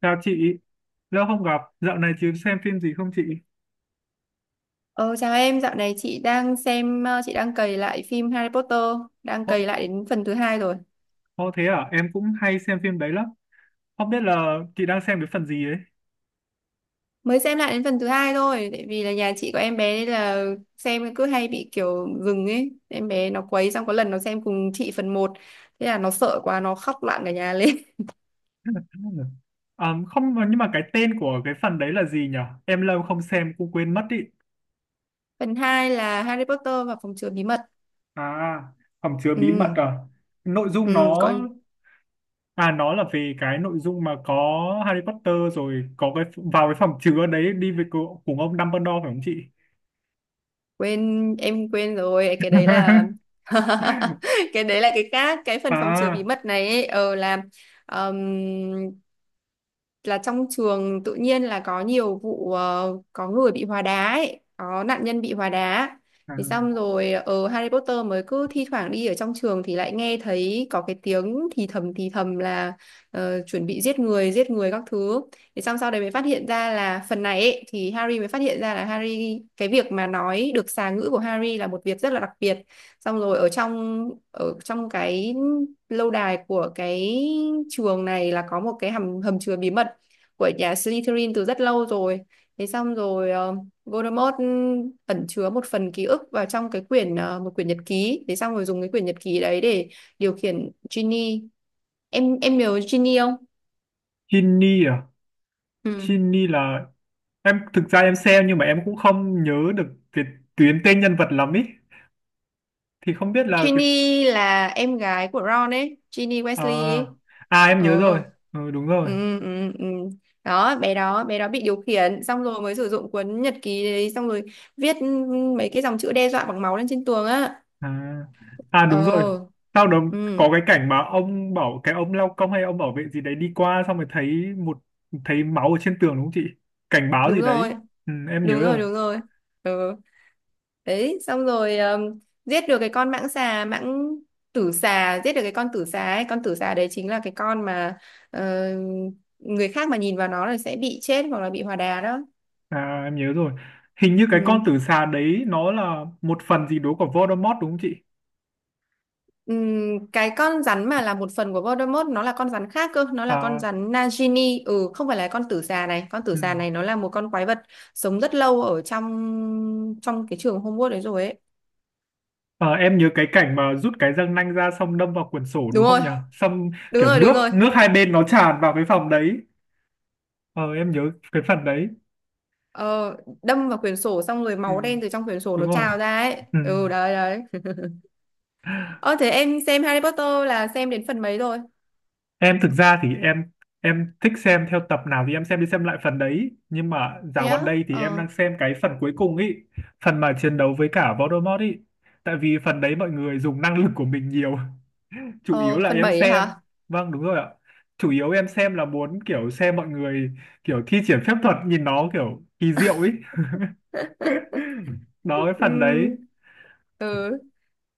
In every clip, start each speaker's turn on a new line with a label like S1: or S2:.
S1: Chào chị, lâu không gặp, dạo này chị xem phim gì không chị?
S2: Ờ, Chào em, dạo này chị đang xem, chị đang cày lại phim Harry Potter, đang
S1: Ô,
S2: cày lại đến phần thứ hai rồi.
S1: thế à, em cũng hay xem phim đấy lắm. Không biết là chị đang xem cái phần gì ấy.
S2: Mới xem lại đến phần thứ hai thôi, tại vì là nhà chị có em bé nên là xem cứ hay bị kiểu dừng ấy. Em bé nó quấy xong có lần nó xem cùng chị phần một, thế là nó sợ quá, nó khóc loạn cả nhà lên.
S1: À, không, nhưng mà cái tên của cái phần đấy là gì nhỉ? Em lâu không xem cũng quên mất ý.
S2: Phần 2 là Harry Potter và phòng chứa bí mật.
S1: À, hầm chứa
S2: Ừ,
S1: bí mật à? Nội dung
S2: ừ,
S1: nó, À nó là về cái nội dung mà có Harry Potter rồi có cái vào cái phòng chứa đấy đi với cùng ông Dumbledore phải không chị?
S2: em quên rồi, cái đấy là cái đấy là cái khác, cái phần phòng chứa bí
S1: À,
S2: mật này ấy, là Ờm, là trong trường tự nhiên là có nhiều vụ có người bị hóa đá ấy, có nạn nhân bị hóa đá.
S1: à,
S2: Thì xong rồi ở Harry Potter mới cứ thi thoảng đi ở trong trường thì lại nghe thấy có cái tiếng thì thầm là chuẩn bị giết người các thứ. Thì xong sau đấy mới phát hiện ra là phần này ấy, thì Harry mới phát hiện ra là Harry cái việc mà nói được xà ngữ của Harry là một việc rất là đặc biệt. Xong rồi ở trong cái lâu đài của cái trường này là có một cái hầm hầm chứa bí mật của nhà Slytherin từ rất lâu rồi. Thế xong rồi Voldemort ẩn chứa một phần ký ức vào trong một quyển nhật ký. Thế xong rồi dùng cái quyển nhật ký đấy để điều khiển Ginny. Em nhớ Ginny không?
S1: Ginny à?
S2: Ừ.
S1: Ginny là, em thực ra em xem nhưng mà em cũng không nhớ được cái tuyến tên nhân vật lắm ý, thì không biết là cái...
S2: Ginny là em gái của Ron ấy, Ginny Weasley
S1: À,
S2: ấy.
S1: à em
S2: Ờ.
S1: nhớ rồi. Ừ, đúng rồi.
S2: Ừ, ừ, ừ. Đó, bé đó bị điều khiển xong rồi mới sử dụng cuốn nhật ký đấy xong rồi viết mấy cái dòng chữ đe dọa bằng máu lên trên tường á.
S1: À, à đúng rồi.
S2: Ờ.
S1: Sau đó
S2: Ừ.
S1: có cái cảnh mà ông bảo cái ông lao công hay ông bảo vệ gì đấy đi qua xong rồi thấy một, thấy máu ở trên tường đúng không chị, cảnh báo
S2: Đúng
S1: gì đấy.
S2: rồi,
S1: Ừ, em nhớ
S2: đúng rồi,
S1: rồi.
S2: đúng rồi. Ừ. Đấy xong rồi giết được cái con mãng xà mãng tử xà giết được cái con tử xà ấy, con tử xà đấy chính là cái con mà ờ, người khác mà nhìn vào nó là sẽ bị chết hoặc là bị hòa đà đó.
S1: À, em nhớ rồi, hình như cái con
S2: Ừ.
S1: tử xà đấy nó là một phần gì đó của Voldemort đúng không chị?
S2: Cái con rắn mà là một phần của Voldemort nó là con rắn khác cơ, nó là con
S1: À,
S2: rắn Nagini, không phải là con tử xà này. Con tử
S1: ừ.
S2: xà này nó là một con quái vật sống rất lâu ở trong trong cái trường Hogwarts đấy rồi ấy.
S1: Ờ, em nhớ cái cảnh mà rút cái răng nanh ra xong đâm vào quyển sổ
S2: Đúng
S1: đúng không
S2: rồi,
S1: nhỉ? Xong
S2: đúng
S1: kiểu
S2: rồi, đúng
S1: nước
S2: rồi.
S1: nước hai bên nó tràn vào cái phòng đấy. Ờ, em nhớ cái phần đấy.
S2: Ờ, Đâm vào quyển sổ xong rồi
S1: Ừ,
S2: máu đen từ trong quyển sổ
S1: đúng
S2: nó
S1: rồi.
S2: trào ra ấy.
S1: Ừ.
S2: Ừ, đấy đấy. Ờ Thế em xem Harry Potter là xem đến phần mấy rồi?
S1: Em thực ra thì em thích xem theo tập nào thì em xem đi xem lại phần đấy. Nhưng mà
S2: Thế
S1: dạo gần
S2: á?
S1: đây thì em
S2: Ờ,
S1: đang xem cái phần cuối cùng ý. Phần mà chiến đấu với cả Voldemort ý. Tại vì phần đấy mọi người dùng năng lực của mình nhiều, chủ yếu
S2: ờ
S1: là
S2: Phần
S1: em
S2: 7 ấy
S1: xem.
S2: hả?
S1: Vâng đúng rồi ạ, chủ yếu em xem là muốn kiểu xem mọi người kiểu thi triển phép thuật nhìn nó kiểu kỳ diệu ấy. Đó cái phần đấy.
S2: Ừm, ừ.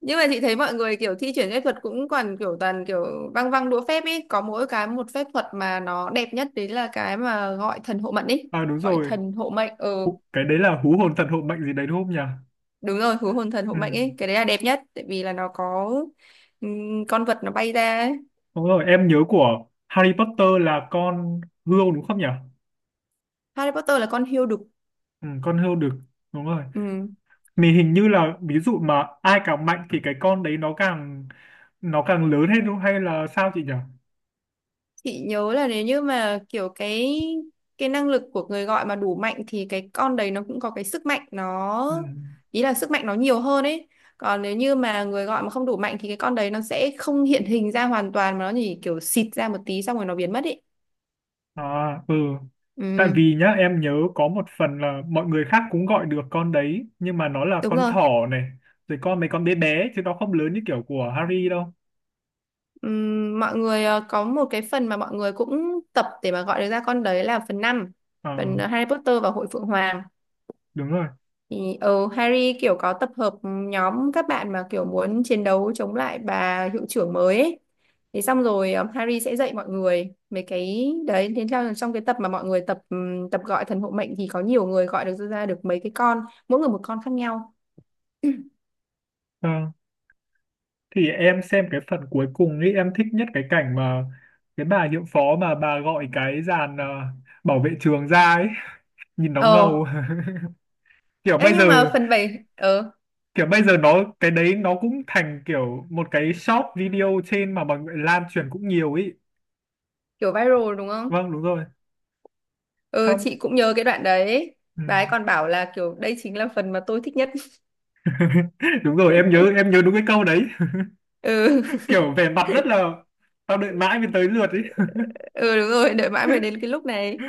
S2: Nhưng mà chị thấy mọi người kiểu thi chuyển phép thuật cũng còn kiểu toàn kiểu văng văng đũa phép ấy, có mỗi cái một phép thuật mà nó đẹp nhất đấy là cái mà gọi thần hộ mệnh ấy,
S1: À đúng
S2: gọi
S1: rồi.
S2: thần hộ mệnh. Ừ,
S1: Cái đấy là hú hồn thần hộ mệnh gì đấy đúng không nhỉ?
S2: đúng rồi, hú hồn thần hộ
S1: Ừ.
S2: mệnh ấy, cái đấy là đẹp nhất tại vì là nó có con vật nó bay ra ấy.
S1: Đúng rồi em nhớ của Harry Potter là con hươu đúng không nhỉ?
S2: Harry Potter là con hươu đực.
S1: Ừ, con hươu được, đúng rồi.
S2: Ừ.
S1: Mình hình như là ví dụ mà ai càng mạnh thì cái con đấy nó càng lớn hết hay là sao chị nhỉ?
S2: Chị nhớ là nếu như mà kiểu cái năng lực của người gọi mà đủ mạnh thì cái con đấy nó cũng có cái sức mạnh nó,
S1: Ừ.
S2: ý là sức mạnh nó nhiều hơn ấy. Còn nếu như mà người gọi mà không đủ mạnh thì cái con đấy nó sẽ không hiện hình ra hoàn toàn mà nó chỉ kiểu xịt ra một tí xong rồi nó biến mất ấy.
S1: À, ừ. Tại
S2: Ừ,
S1: vì nhá, em nhớ có một phần là mọi người khác cũng gọi được con đấy, nhưng mà nó là
S2: đúng
S1: con
S2: rồi.
S1: thỏ này, rồi mấy con bé bé, chứ nó không lớn như kiểu của Harry đâu.
S2: Mọi người có một cái phần mà mọi người cũng tập để mà gọi được ra con đấy là phần năm,
S1: Ờ,
S2: phần Harry Potter và Hội Phượng Hoàng.
S1: đúng rồi.
S2: Thì Harry kiểu có tập hợp nhóm các bạn mà kiểu muốn chiến đấu chống lại bà hiệu trưởng mới ấy. Thế xong rồi Harry sẽ dạy mọi người mấy cái đấy, thế theo trong cái tập mà mọi người tập tập gọi thần hộ mệnh thì có nhiều người gọi được ra được mấy cái con, mỗi người một con khác nhau.
S1: Ờ, thì em xem cái phần cuối cùng ấy, em thích nhất cái cảnh mà cái bà hiệu phó mà bà gọi cái dàn bảo vệ trường ra ấy, nhìn nó
S2: Ờ,
S1: ngầu. Kiểu bây giờ,
S2: nhưng mà phần 7 ờ
S1: Kiểu bây giờ cái đấy nó cũng thành kiểu một cái short video trên mà mọi người lan truyền cũng nhiều ấy.
S2: kiểu viral đúng không?
S1: Vâng, đúng rồi,
S2: Ừ,
S1: xong.
S2: chị cũng nhớ cái đoạn đấy.
S1: Ừ.
S2: Bà ấy còn bảo là kiểu đây chính là phần mà tôi thích nhất.
S1: Đúng rồi em nhớ đúng cái câu đấy.
S2: Ừ,
S1: Kiểu vẻ mặt rất là, tao đợi mãi mới tới lượt ấy.
S2: ừ đúng rồi, đợi mãi mới đến cái lúc này.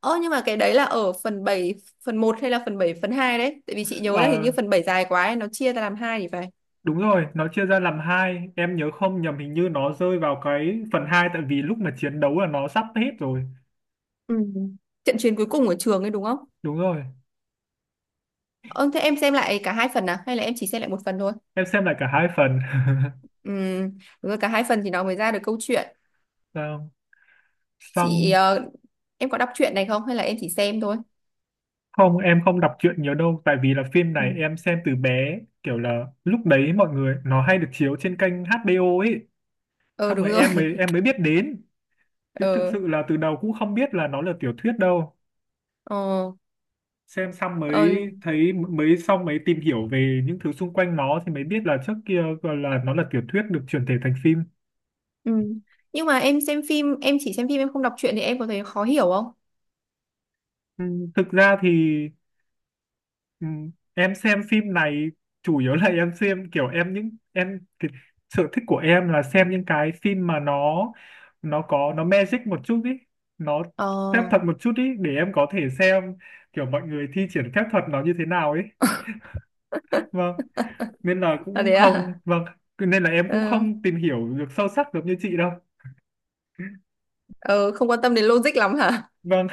S2: Ơ nhưng mà cái đấy là ở phần 7 phần một hay là phần 7 phần 2 đấy? Tại vì chị nhớ là hình
S1: Ờ,
S2: như phần 7 dài quá ấy, nó chia ra làm hai thì phải.
S1: đúng rồi nó chia ra làm hai, em nhớ không nhầm hình như nó rơi vào cái phần hai tại vì lúc mà chiến đấu là nó sắp hết rồi.
S2: Ừ. Trận chiến cuối cùng ở trường ấy đúng không?
S1: Đúng rồi
S2: Ơ thế em xem lại cả hai phần à? Hay là em chỉ xem lại một phần thôi?
S1: em xem lại cả hai phần.
S2: Ừ, đúng rồi, cả hai phần thì nó mới ra được câu chuyện.
S1: Sao?
S2: Chị,
S1: Xong
S2: ờ, em có đọc truyện này không? Hay là em chỉ xem thôi?
S1: không em không đọc truyện nhiều đâu tại vì là phim
S2: Ừ.
S1: này em xem từ bé kiểu là lúc đấy mọi người nó hay được chiếu trên kênh HBO ấy,
S2: Ờ
S1: xong
S2: đúng
S1: rồi
S2: rồi.
S1: em mới em mới biết đến. Chứ thực
S2: Ờ,
S1: sự là từ đầu cũng không biết là nó là tiểu thuyết đâu.
S2: ờ,
S1: Xem xong
S2: ờ.
S1: mới thấy mới xong mới tìm hiểu về những thứ xung quanh nó thì mới biết là trước kia gọi là nó là tiểu thuyết được chuyển thể thành phim.
S2: Ừ. Nhưng mà em xem phim, em chỉ xem phim, em không đọc truyện thì em có thấy khó hiểu không?
S1: Ừ, thực ra thì ừ, Em xem phim này chủ yếu là em xem kiểu em những em cái sở thích của em là xem những cái phim mà nó có nó magic một chút ý, nó phép
S2: Ờ,
S1: thuật một chút ý để em có thể xem kiểu mọi người thi triển phép thuật nó như thế nào ấy. Vâng. Nên là
S2: À
S1: cũng
S2: thế à?
S1: không, vâng, nên là em cũng
S2: Ừ.
S1: không tìm hiểu được sâu sắc được như chị đâu.
S2: Ờ, Không quan tâm đến logic lắm hả?
S1: Vâng.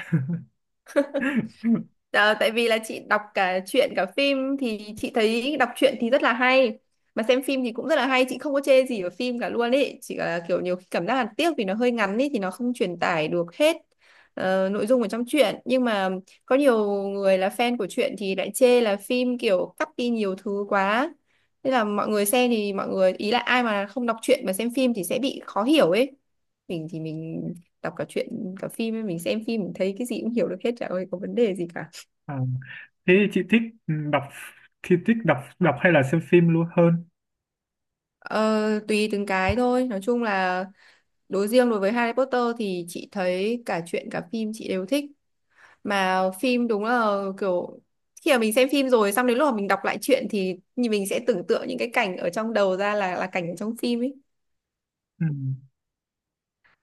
S2: Ờ, Tại vì là chị đọc cả truyện cả phim thì chị thấy đọc truyện thì rất là hay, mà xem phim thì cũng rất là hay, chị không có chê gì ở phim cả luôn ấy, chỉ là kiểu nhiều khi cảm giác là tiếc vì nó hơi ngắn ấy thì nó không truyền tải được hết nội dung ở trong truyện. Nhưng mà có nhiều người là fan của truyện thì lại chê là phim kiểu cắt đi nhiều thứ quá, thế là mọi người xem thì mọi người ý là ai mà không đọc truyện mà xem phim thì sẽ bị khó hiểu ấy. Mình thì mình đọc cả truyện cả phim ấy, mình xem phim mình thấy cái gì cũng hiểu được hết, chả có vấn đề gì cả.
S1: À, thế thì chị thích, ừ, đọc thì thích đọc đọc hay là xem phim luôn hơn?
S2: Ờ, Tùy từng cái thôi, nói chung là đối riêng đối với Harry Potter thì chị thấy cả truyện cả phim chị đều thích, mà phim đúng là kiểu khi mà mình xem phim rồi xong đến lúc mà mình đọc lại truyện thì như mình sẽ tưởng tượng những cái cảnh ở trong đầu ra là cảnh ở trong phim ấy.
S1: Ừ.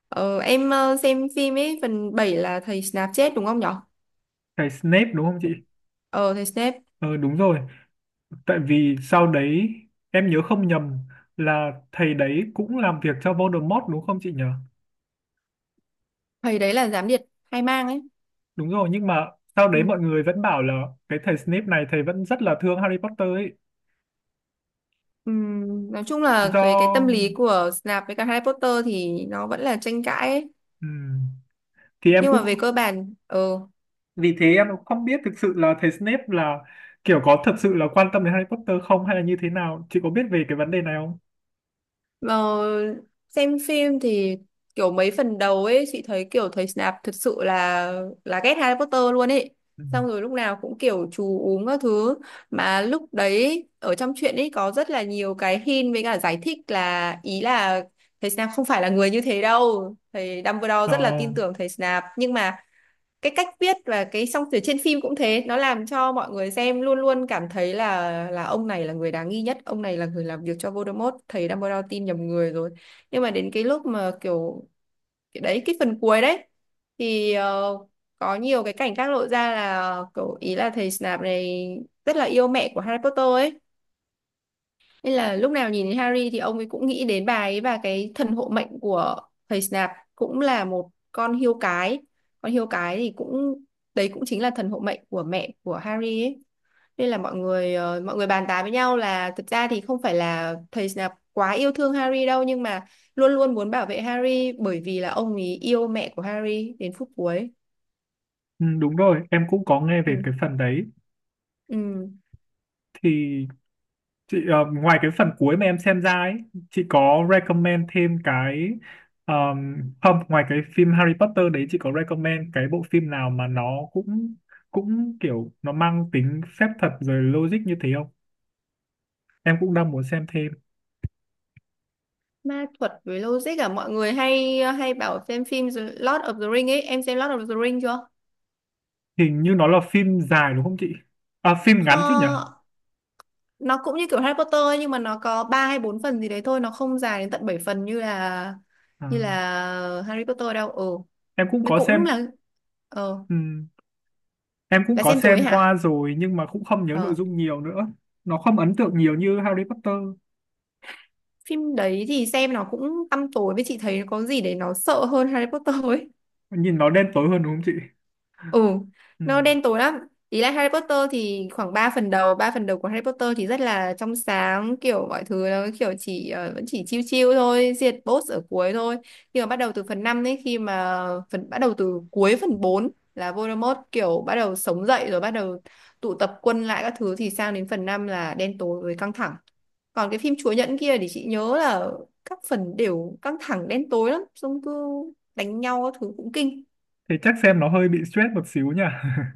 S2: Xem phim ấy phần 7 là thầy Snape chết đúng không nhở?
S1: Cái Snape đúng không chị?
S2: Ờ Thầy Snape,
S1: Ờ đúng rồi, tại vì sau đấy em nhớ không nhầm là thầy đấy cũng làm việc cho Voldemort đúng không chị nhỉ?
S2: thầy đấy là gián điệp hai mang ấy.
S1: Đúng rồi nhưng mà sau
S2: Ừ.
S1: đấy mọi người vẫn bảo là cái thầy Snape này thầy vẫn rất là thương Harry Potter ấy.
S2: Nói chung là cái tâm
S1: Do
S2: lý của Snape với cả Harry Potter thì nó vẫn là tranh cãi ấy.
S1: ừ. thì em
S2: Nhưng
S1: cũng
S2: mà về cơ bản
S1: Vì thế em cũng không biết thực sự là thầy Snape là kiểu có thật sự là quan tâm đến Harry Potter không hay là như thế nào, chị có biết về cái vấn đề này không?
S2: mà xem phim thì kiểu mấy phần đầu ấy chị thấy kiểu thầy Snape thật sự là ghét Harry Potter luôn ấy.
S1: Ừ.
S2: Xong rồi lúc nào cũng kiểu chú uống các thứ, mà lúc đấy ở trong truyện ấy có rất là nhiều cái hint với cả giải thích là, ý là thầy Snape không phải là người như thế đâu. Thầy Dumbledore
S1: Ờ,
S2: rất là tin tưởng thầy Snape, nhưng mà cái cách viết và cái song từ trên phim cũng thế nó làm cho mọi người xem luôn luôn cảm thấy là ông này là người đáng nghi nhất, ông này là người làm việc cho Voldemort, thầy Dumbledore tin nhầm người rồi. Nhưng mà đến cái lúc mà kiểu cái phần cuối đấy thì có nhiều cái cảnh khác lộ ra là kiểu ý là thầy Snape này rất là yêu mẹ của Harry Potter ấy, nên là lúc nào nhìn thấy Harry thì ông ấy cũng nghĩ đến bà ấy, và cái thần hộ mệnh của thầy Snap cũng là một con hươu cái. Con hươu cái thì cũng đấy cũng chính là thần hộ mệnh của mẹ của Harry ấy. Nên là mọi người bàn tán với nhau là thực ra thì không phải là thầy Snap quá yêu thương Harry đâu, nhưng mà luôn luôn muốn bảo vệ Harry bởi vì là ông ấy yêu mẹ của Harry đến phút cuối.
S1: ừ, đúng rồi, em cũng có nghe về
S2: Ừ.
S1: cái phần đấy.
S2: Ừ.
S1: Thì chị ngoài cái phần cuối mà em xem ra ấy, chị có recommend thêm cái không, ngoài cái phim Harry Potter đấy chị có recommend cái bộ phim nào mà nó cũng cũng kiểu nó mang tính phép thuật rồi logic như thế không? Em cũng đang muốn xem thêm.
S2: Ma thuật với logic à, mọi người hay hay bảo xem phim The Lord of the Ring ấy, em xem Lord of the Ring chưa?
S1: Hình như nó là phim dài đúng không chị? À, phim ngắn chứ nhỉ?
S2: Ho- nó cũng như kiểu Harry Potter ấy, nhưng mà nó có 3 hay 4 phần gì đấy thôi, nó không dài đến tận 7 phần như là
S1: À,
S2: như là Harry Potter đâu. Ừ,
S1: em cũng
S2: nó
S1: có
S2: cũng
S1: xem,
S2: là ờ
S1: ừm, em cũng
S2: là
S1: có
S2: xem rồi ấy
S1: xem qua
S2: hả?
S1: rồi nhưng mà cũng không nhớ nội
S2: ờ
S1: dung nhiều nữa. Nó không ấn tượng nhiều như Harry Potter.
S2: Phim đấy thì xem nó cũng tăm tối, với chị thấy có gì để nó sợ hơn Harry Potter ấy.
S1: Nhìn nó đen tối hơn đúng không chị?
S2: Ừ, nó
S1: Ừm.
S2: đen tối lắm. Ý là Harry Potter thì khoảng 3 phần đầu của Harry Potter thì rất là trong sáng, kiểu mọi thứ nó kiểu chỉ vẫn chỉ chill chill thôi, diệt boss ở cuối thôi. Nhưng mà bắt đầu từ phần 5 ấy, khi mà phần bắt đầu từ cuối phần 4 là Voldemort kiểu bắt đầu sống dậy rồi bắt đầu tụ tập quân lại các thứ thì sang đến phần 5 là đen tối với căng thẳng. Còn cái phim Chúa Nhẫn kia thì chị nhớ là các phần đều căng thẳng đen tối lắm, xong cứ đánh nhau các thứ cũng kinh.
S1: Thế chắc xem nó hơi bị stress một xíu nhỉ?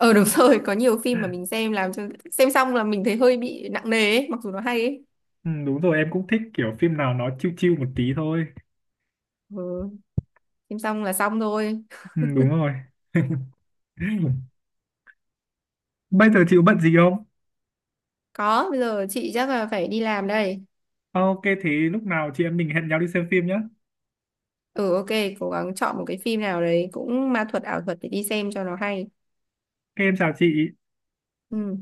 S2: Ờ đúng rồi, có nhiều phim mà mình xem làm cho xem xong là mình thấy hơi bị nặng nề ấy, mặc dù nó hay ấy.
S1: Đúng rồi, em cũng thích kiểu phim nào nó chill chill một tí thôi.
S2: Ừ, xem xong là xong thôi.
S1: Đúng rồi. Bây giờ chị có bận gì không?
S2: Có, bây giờ chị chắc là phải đi làm đây.
S1: Ok, thế lúc nào chị em mình hẹn nhau đi xem phim nhé. Ok,
S2: Ừ ok, cố gắng chọn một cái phim nào đấy cũng ma thuật ảo thuật để đi xem cho nó hay.
S1: em chào chị.
S2: Ừ.